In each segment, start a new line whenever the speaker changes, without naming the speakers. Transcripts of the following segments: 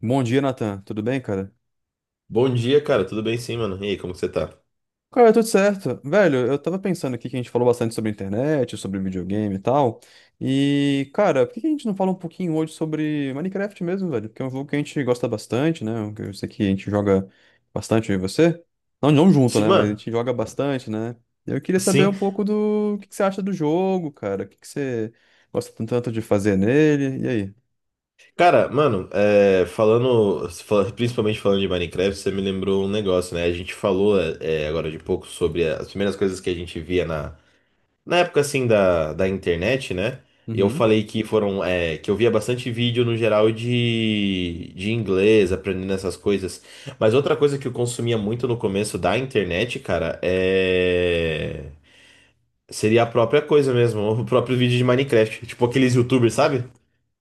Bom dia, Nathan. Tudo bem, cara?
Bom dia, cara. Tudo bem sim, mano? E aí, como que você tá?
Cara, tudo certo. Velho, eu tava pensando aqui que a gente falou bastante sobre internet, sobre videogame e tal. E, cara, por que que a gente não fala um pouquinho hoje sobre Minecraft mesmo, velho? Porque é um jogo que a gente gosta bastante, né? Um que eu sei que a gente joga bastante, eu e você. Não, não junto,
Sim,
né? Mas a
mano.
gente joga bastante, né? Eu queria saber
Sim.
um pouco do o que que você acha do jogo, cara. O que que você gosta tanto de fazer nele? E aí?
Cara, mano, principalmente falando de Minecraft, você me lembrou um negócio, né? A gente falou agora de pouco sobre as primeiras coisas que a gente via na época, assim, da internet, né? E eu falei que que eu via bastante vídeo no geral de inglês, aprendendo essas coisas. Mas outra coisa que eu consumia muito no começo da internet, cara, é. Seria a própria coisa mesmo, o próprio vídeo de Minecraft. Tipo aqueles YouTubers, sabe?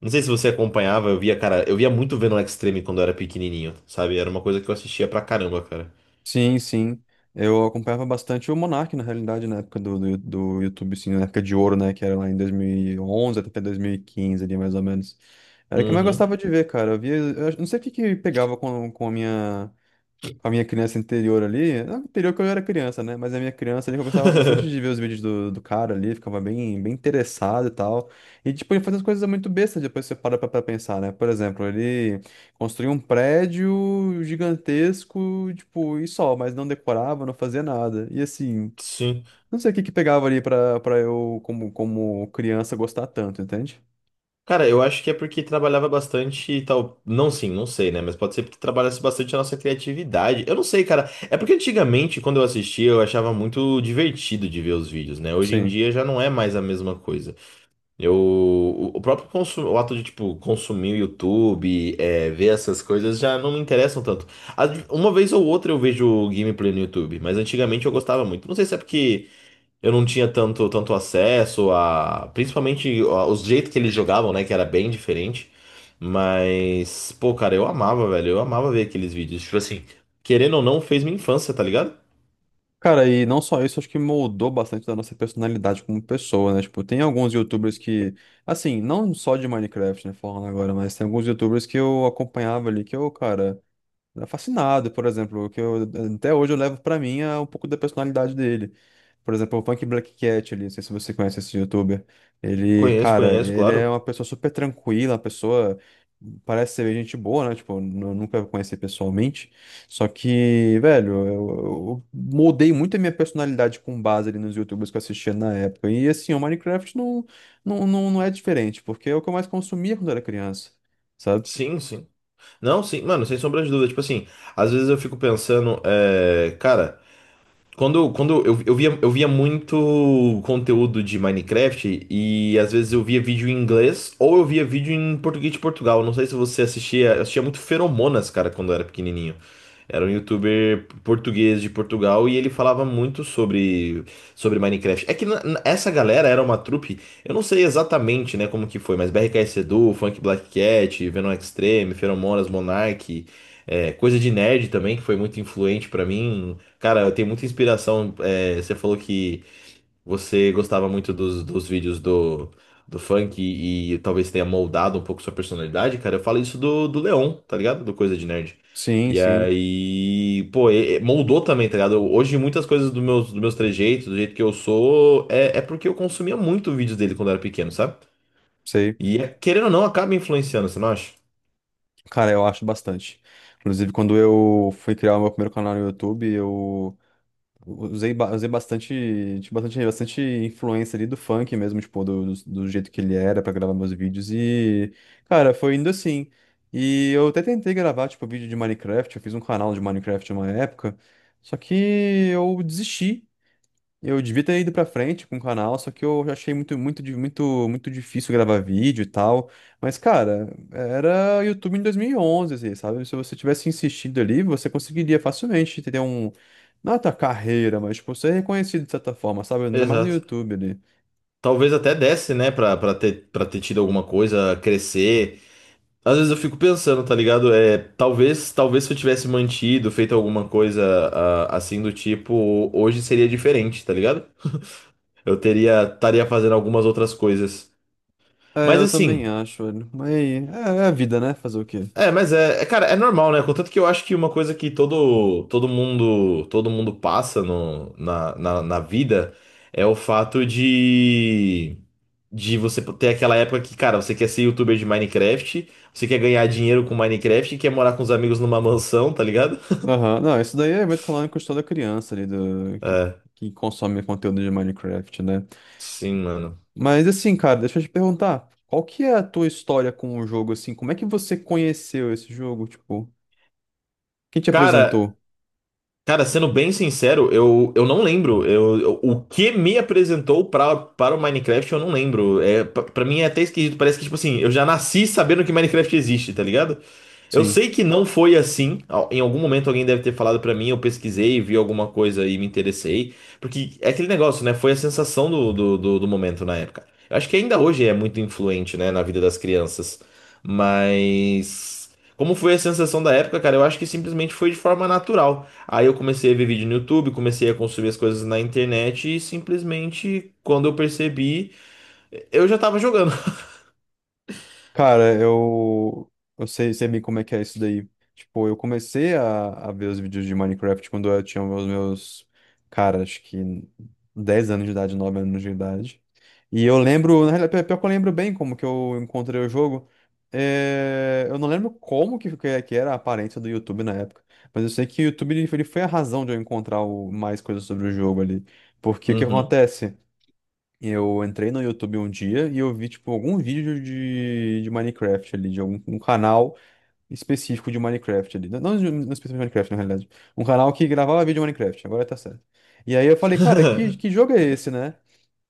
Não sei se você acompanhava, eu via, cara, eu via muito vendo o Extreme quando eu era pequenininho, sabe? Era uma coisa que eu assistia pra caramba, cara.
Sim, sim. Eu acompanhava bastante o Monark, na realidade, na época do YouTube, sim, na época de ouro, né? Que era lá em 2011 até 2015 ali, mais ou menos. Era o que eu mais
Uhum.
gostava de ver, cara. Eu via, eu não sei o que que pegava com a minha com a minha criança interior ali, não interior que eu era criança, né? Mas a minha criança ali, que eu gostava bastante de ver os vídeos do cara ali, ficava bem, bem interessado e tal. E, tipo, ele fazia umas coisas muito bestas, depois você para pra pensar, né? Por exemplo, ele construía um prédio gigantesco, tipo, e só, mas não decorava, não fazia nada. E, assim,
Sim.
não sei o que que pegava ali pra eu, como criança, gostar tanto, entende?
Cara, eu acho que é porque trabalhava bastante e tal. Não, sim, não sei, né? Mas pode ser porque trabalhasse bastante a nossa criatividade. Eu não sei, cara. É porque antigamente, quando eu assistia, eu achava muito divertido de ver os vídeos, né? Hoje em
Sim.
dia já não é mais a mesma coisa. Eu, o próprio consu- o ato de, tipo, consumir o YouTube, ver essas coisas já não me interessam tanto. Uma vez ou outra eu vejo gameplay no YouTube, mas antigamente eu gostava muito. Não sei se é porque eu não tinha tanto acesso Principalmente os jeitos que eles jogavam, né? Que era bem diferente. Mas, pô, cara, eu amava, velho. Eu amava ver aqueles vídeos. Tipo assim, querendo ou não, fez minha infância, tá ligado?
Cara, e não só isso, acho que moldou bastante da nossa personalidade como pessoa, né? Tipo, tem alguns YouTubers que, assim, não só de Minecraft, né, falando agora, mas tem alguns YouTubers que eu acompanhava ali que eu, cara, era fascinado, por exemplo, que eu até hoje eu levo pra mim é um pouco da personalidade dele. Por exemplo, o Punk Black Cat ali, não sei se você conhece esse youtuber. Ele,
Conheço,
cara,
conheço,
ele é
claro.
uma pessoa super tranquila, uma pessoa parece ser gente boa, né? Tipo, nunca conheci pessoalmente. Só que, velho, eu moldei muito a minha personalidade com base ali nos youtubers que eu assistia na época. E assim, o Minecraft não é diferente, porque é o que eu mais consumia quando era criança, sabe?
Sim, sim. Não, sim, mano, sem sombra de dúvida. Tipo assim, às vezes eu fico pensando, cara, quando eu via, eu via muito conteúdo de Minecraft e às vezes eu via vídeo em inglês ou eu via vídeo em português de Portugal. Não sei se você assistia, eu assistia muito Feromonas, cara, quando eu era pequenininho. Era um youtuber português de Portugal e ele falava muito sobre Minecraft. É que essa galera era uma trupe, eu não sei exatamente, né, como que foi, mas BRKS Edu, Funk Black Cat, Venom Extreme, Feromonas, Monark, coisa de nerd também, que foi muito influente pra mim. Cara, eu tenho muita inspiração. Você falou que você gostava muito dos vídeos do funk talvez tenha moldado um pouco sua personalidade, cara. Eu falo isso do Leon, tá ligado? Do Coisa de Nerd.
Sim,
E
sim,
aí, pô, e moldou também, tá ligado? Hoje muitas coisas dos meus trejeitos, do jeito que eu sou, é porque eu consumia muito vídeos dele quando eu era pequeno, sabe?
sei.
Querendo ou não, acaba influenciando, você não acha?
Cara, eu acho bastante. Inclusive, quando eu fui criar o meu primeiro canal no YouTube, eu usei bastante, tinha bastante influência ali do funk mesmo, tipo, do jeito que ele era pra gravar meus vídeos. E, cara, foi indo assim. E eu até tentei gravar, tipo, vídeo de Minecraft. Eu fiz um canal de Minecraft uma época. Só que eu desisti. Eu devia ter ido pra frente com o canal, só que eu já achei muito difícil gravar vídeo e tal. Mas, cara, era YouTube em 2011, assim, sabe? Se você tivesse insistido ali, você conseguiria facilmente ter um... Não a tua carreira, mas, tipo, ser reconhecido de certa forma, sabe? Ainda mais no
Exato.
YouTube ali.
Talvez até desse, né, pra ter tido alguma coisa, crescer. Às vezes eu fico pensando, tá ligado? Talvez se eu tivesse mantido, feito alguma coisa assim do tipo, hoje seria diferente, tá ligado? Eu teria, estaria fazendo algumas outras coisas.
É,
Mas
eu também
assim,
acho, velho. Mas é a vida, né? Fazer o quê?
cara, é normal, né? Contanto que eu acho que uma coisa que todo mundo passa no, na, na, na vida é o fato de você ter aquela época que, cara, você quer ser youtuber de Minecraft, você quer ganhar dinheiro com Minecraft, quer morar com os amigos numa mansão, tá ligado?
Aham. Não, isso daí é evento canônico de toda criança ali do... que consome conteúdo de Minecraft, né?
Sim, mano.
Mas assim, cara, deixa eu te perguntar, qual que é a tua história com o jogo, assim? Como é que você conheceu esse jogo? Tipo, quem te
Cara,
apresentou?
Cara, sendo bem sincero, eu não lembro. O que me apresentou para o Minecraft, eu não lembro. Pra pra mim é até esquisito. Parece que, tipo assim, eu já nasci sabendo que Minecraft existe, tá ligado? Eu
Sim.
sei que não foi assim. Em algum momento alguém deve ter falado pra mim, eu pesquisei, vi alguma coisa e me interessei. Porque é aquele negócio, né? Foi a sensação do momento na época. Eu acho que ainda hoje é muito influente, né, na vida das crianças. Mas. Como foi a sensação da época, cara? Eu acho que simplesmente foi de forma natural. Aí eu comecei a ver vídeo no YouTube, comecei a consumir as coisas na internet e simplesmente quando eu percebi, eu já tava jogando.
Cara, eu sei, sei bem como é que é isso daí. Tipo, eu comecei a ver os vídeos de Minecraft quando eu tinha os meus, cara, acho que 10 anos de idade, 9 anos de idade. E eu lembro, na realidade, pior que eu lembro bem como que eu encontrei o jogo. É, eu não lembro como que era a aparência do YouTube na época, mas eu sei que o YouTube ele foi a razão de eu encontrar mais coisas sobre o jogo ali. Porque o que
Uhum.
acontece? Eu entrei no YouTube um dia e eu vi, tipo, algum vídeo de Minecraft ali, de algum um canal específico de Minecraft ali. Não, não específico de Minecraft, na realidade. Um canal que gravava vídeo de Minecraft, agora tá certo. E aí eu falei, cara, que jogo é esse, né?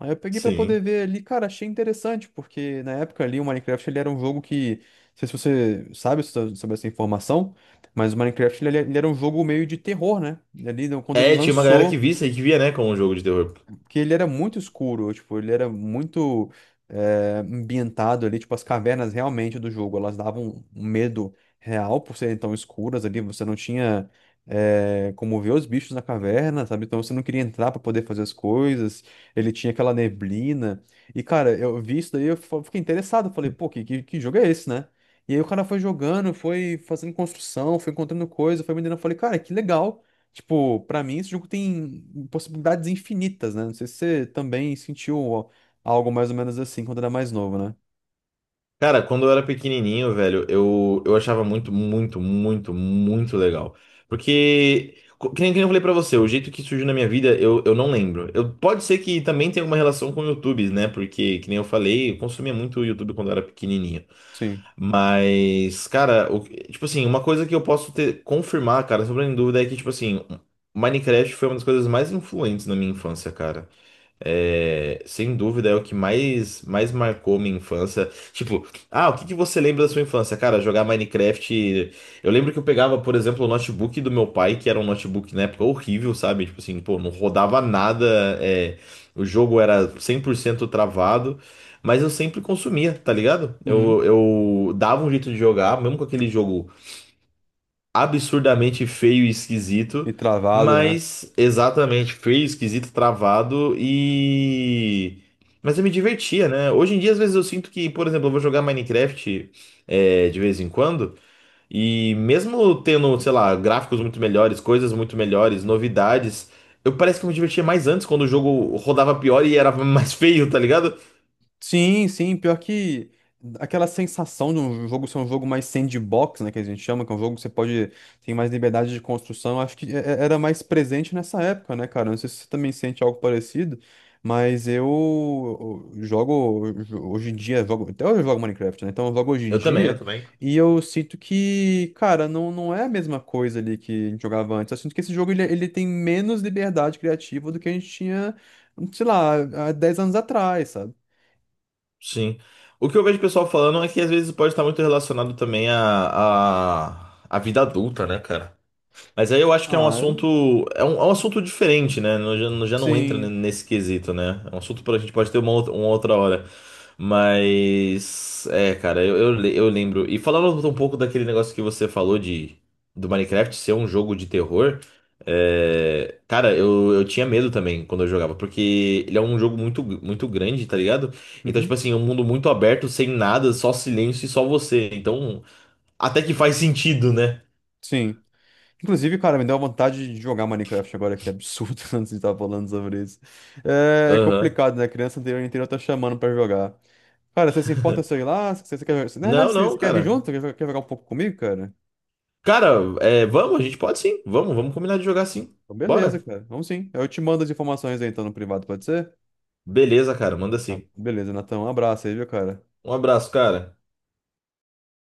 Aí eu peguei pra poder
Sim.
ver ali, cara, achei interessante, porque na época ali o Minecraft ele era um jogo que, não sei se você sabe sobre essa informação, mas o Minecraft ele era um jogo meio de terror, né? E ali, quando ele
É, tinha uma galera que
lançou,
visse e que via, né, como um jogo de terror.
porque ele era muito escuro, tipo, ele era muito ambientado ali, tipo, as cavernas realmente do jogo, elas davam um medo real por serem tão escuras ali, você não tinha como ver os bichos na caverna, sabe? Então você não queria entrar pra poder fazer as coisas, ele tinha aquela neblina. E, cara, eu vi isso daí, fiquei interessado, falei, pô, que jogo é esse, né? E aí o cara foi jogando, foi fazendo construção, foi encontrando coisa, foi vendendo. Eu falei, cara, que legal. Tipo, pra mim esse jogo tem possibilidades infinitas, né? Não sei se você também sentiu algo mais ou menos assim quando era mais novo, né?
Cara, quando eu era pequenininho, velho, eu achava muito legal. Porque, que nem eu falei pra você, o jeito que surgiu na minha vida, eu não lembro. Eu, pode ser que também tenha alguma relação com o YouTube, né? Porque, que nem eu falei, eu consumia muito o YouTube quando eu era pequenininho.
Sim.
Mas, cara, tipo assim, uma coisa que eu posso ter, confirmar, cara, sobre a dúvida é que, tipo assim, Minecraft foi uma das coisas mais influentes na minha infância, cara. É, sem dúvida é o que mais marcou minha infância. Tipo, ah, o que que você lembra da sua infância? Cara, jogar Minecraft. Eu lembro que eu pegava, por exemplo, o notebook do meu pai, que era um notebook na época horrível, sabe? Tipo assim, pô, não rodava nada, o jogo era 100% travado, mas eu sempre consumia, tá ligado?
Uhum.
Eu dava um jeito de jogar, mesmo com aquele jogo absurdamente feio e
E
esquisito,
travado, né?
mas exatamente feio, esquisito, travado. Mas eu me divertia, né? Hoje em dia, às vezes eu sinto que, por exemplo, eu vou jogar Minecraft de vez em quando, e mesmo tendo, sei lá, gráficos muito melhores, coisas muito melhores, novidades, eu parece que eu me divertia mais antes, quando o jogo rodava pior e era mais feio, tá ligado?
Sim, sim, pior que aquela sensação de um jogo ser um jogo mais sandbox, né, que a gente chama, que é um jogo que você pode tem mais liberdade de construção, eu acho que era mais presente nessa época, né, cara? Não sei se você também sente algo parecido, mas eu jogo hoje em dia, jogo, até hoje eu jogo Minecraft, né? Então eu jogo hoje em
Eu também, eu
dia
também.
e eu sinto que, cara, não, não é a mesma coisa ali que a gente jogava antes. Eu sinto que esse jogo ele tem menos liberdade criativa do que a gente tinha, sei lá, há 10 anos atrás, sabe?
Sim. O que eu vejo o pessoal falando é que às vezes pode estar muito relacionado também à vida adulta, né, cara? Mas aí eu acho que é um
Ah, eu...
assunto, é um assunto diferente, né? Já não entra
Sim.
nesse quesito, né? É um assunto para a gente pode ter uma outra hora. Mas, é, cara, eu lembro. E falando um pouco daquele negócio que você falou de do Minecraft ser um jogo de terror, é, cara, eu tinha medo também quando eu jogava, porque ele é um jogo muito, muito grande, tá ligado? Então, tipo
Uhum.
assim, é um mundo muito aberto, sem nada, só silêncio e só você. Então, até que faz sentido, né?
Sim. Inclusive, cara, me deu uma vontade de jogar Minecraft agora, que é absurdo, antes de estar falando sobre isso. É
Aham.
complicado, né? Criança anterior inteira tá chamando pra jogar. Cara, você se importa se eu ir lá? Você, você quer... Na verdade,
Não, não,
você quer vir
cara.
junto? Quer, quer jogar um pouco comigo, cara?
Cara, vamos, a gente pode sim. Vamos, vamos combinar de jogar sim.
Então, beleza,
Bora.
cara. Vamos sim. Eu te mando as informações aí, então, no privado, pode ser?
Beleza, cara, manda
Tá,
sim.
beleza, Natão. Um abraço aí, viu, cara?
Um abraço, cara.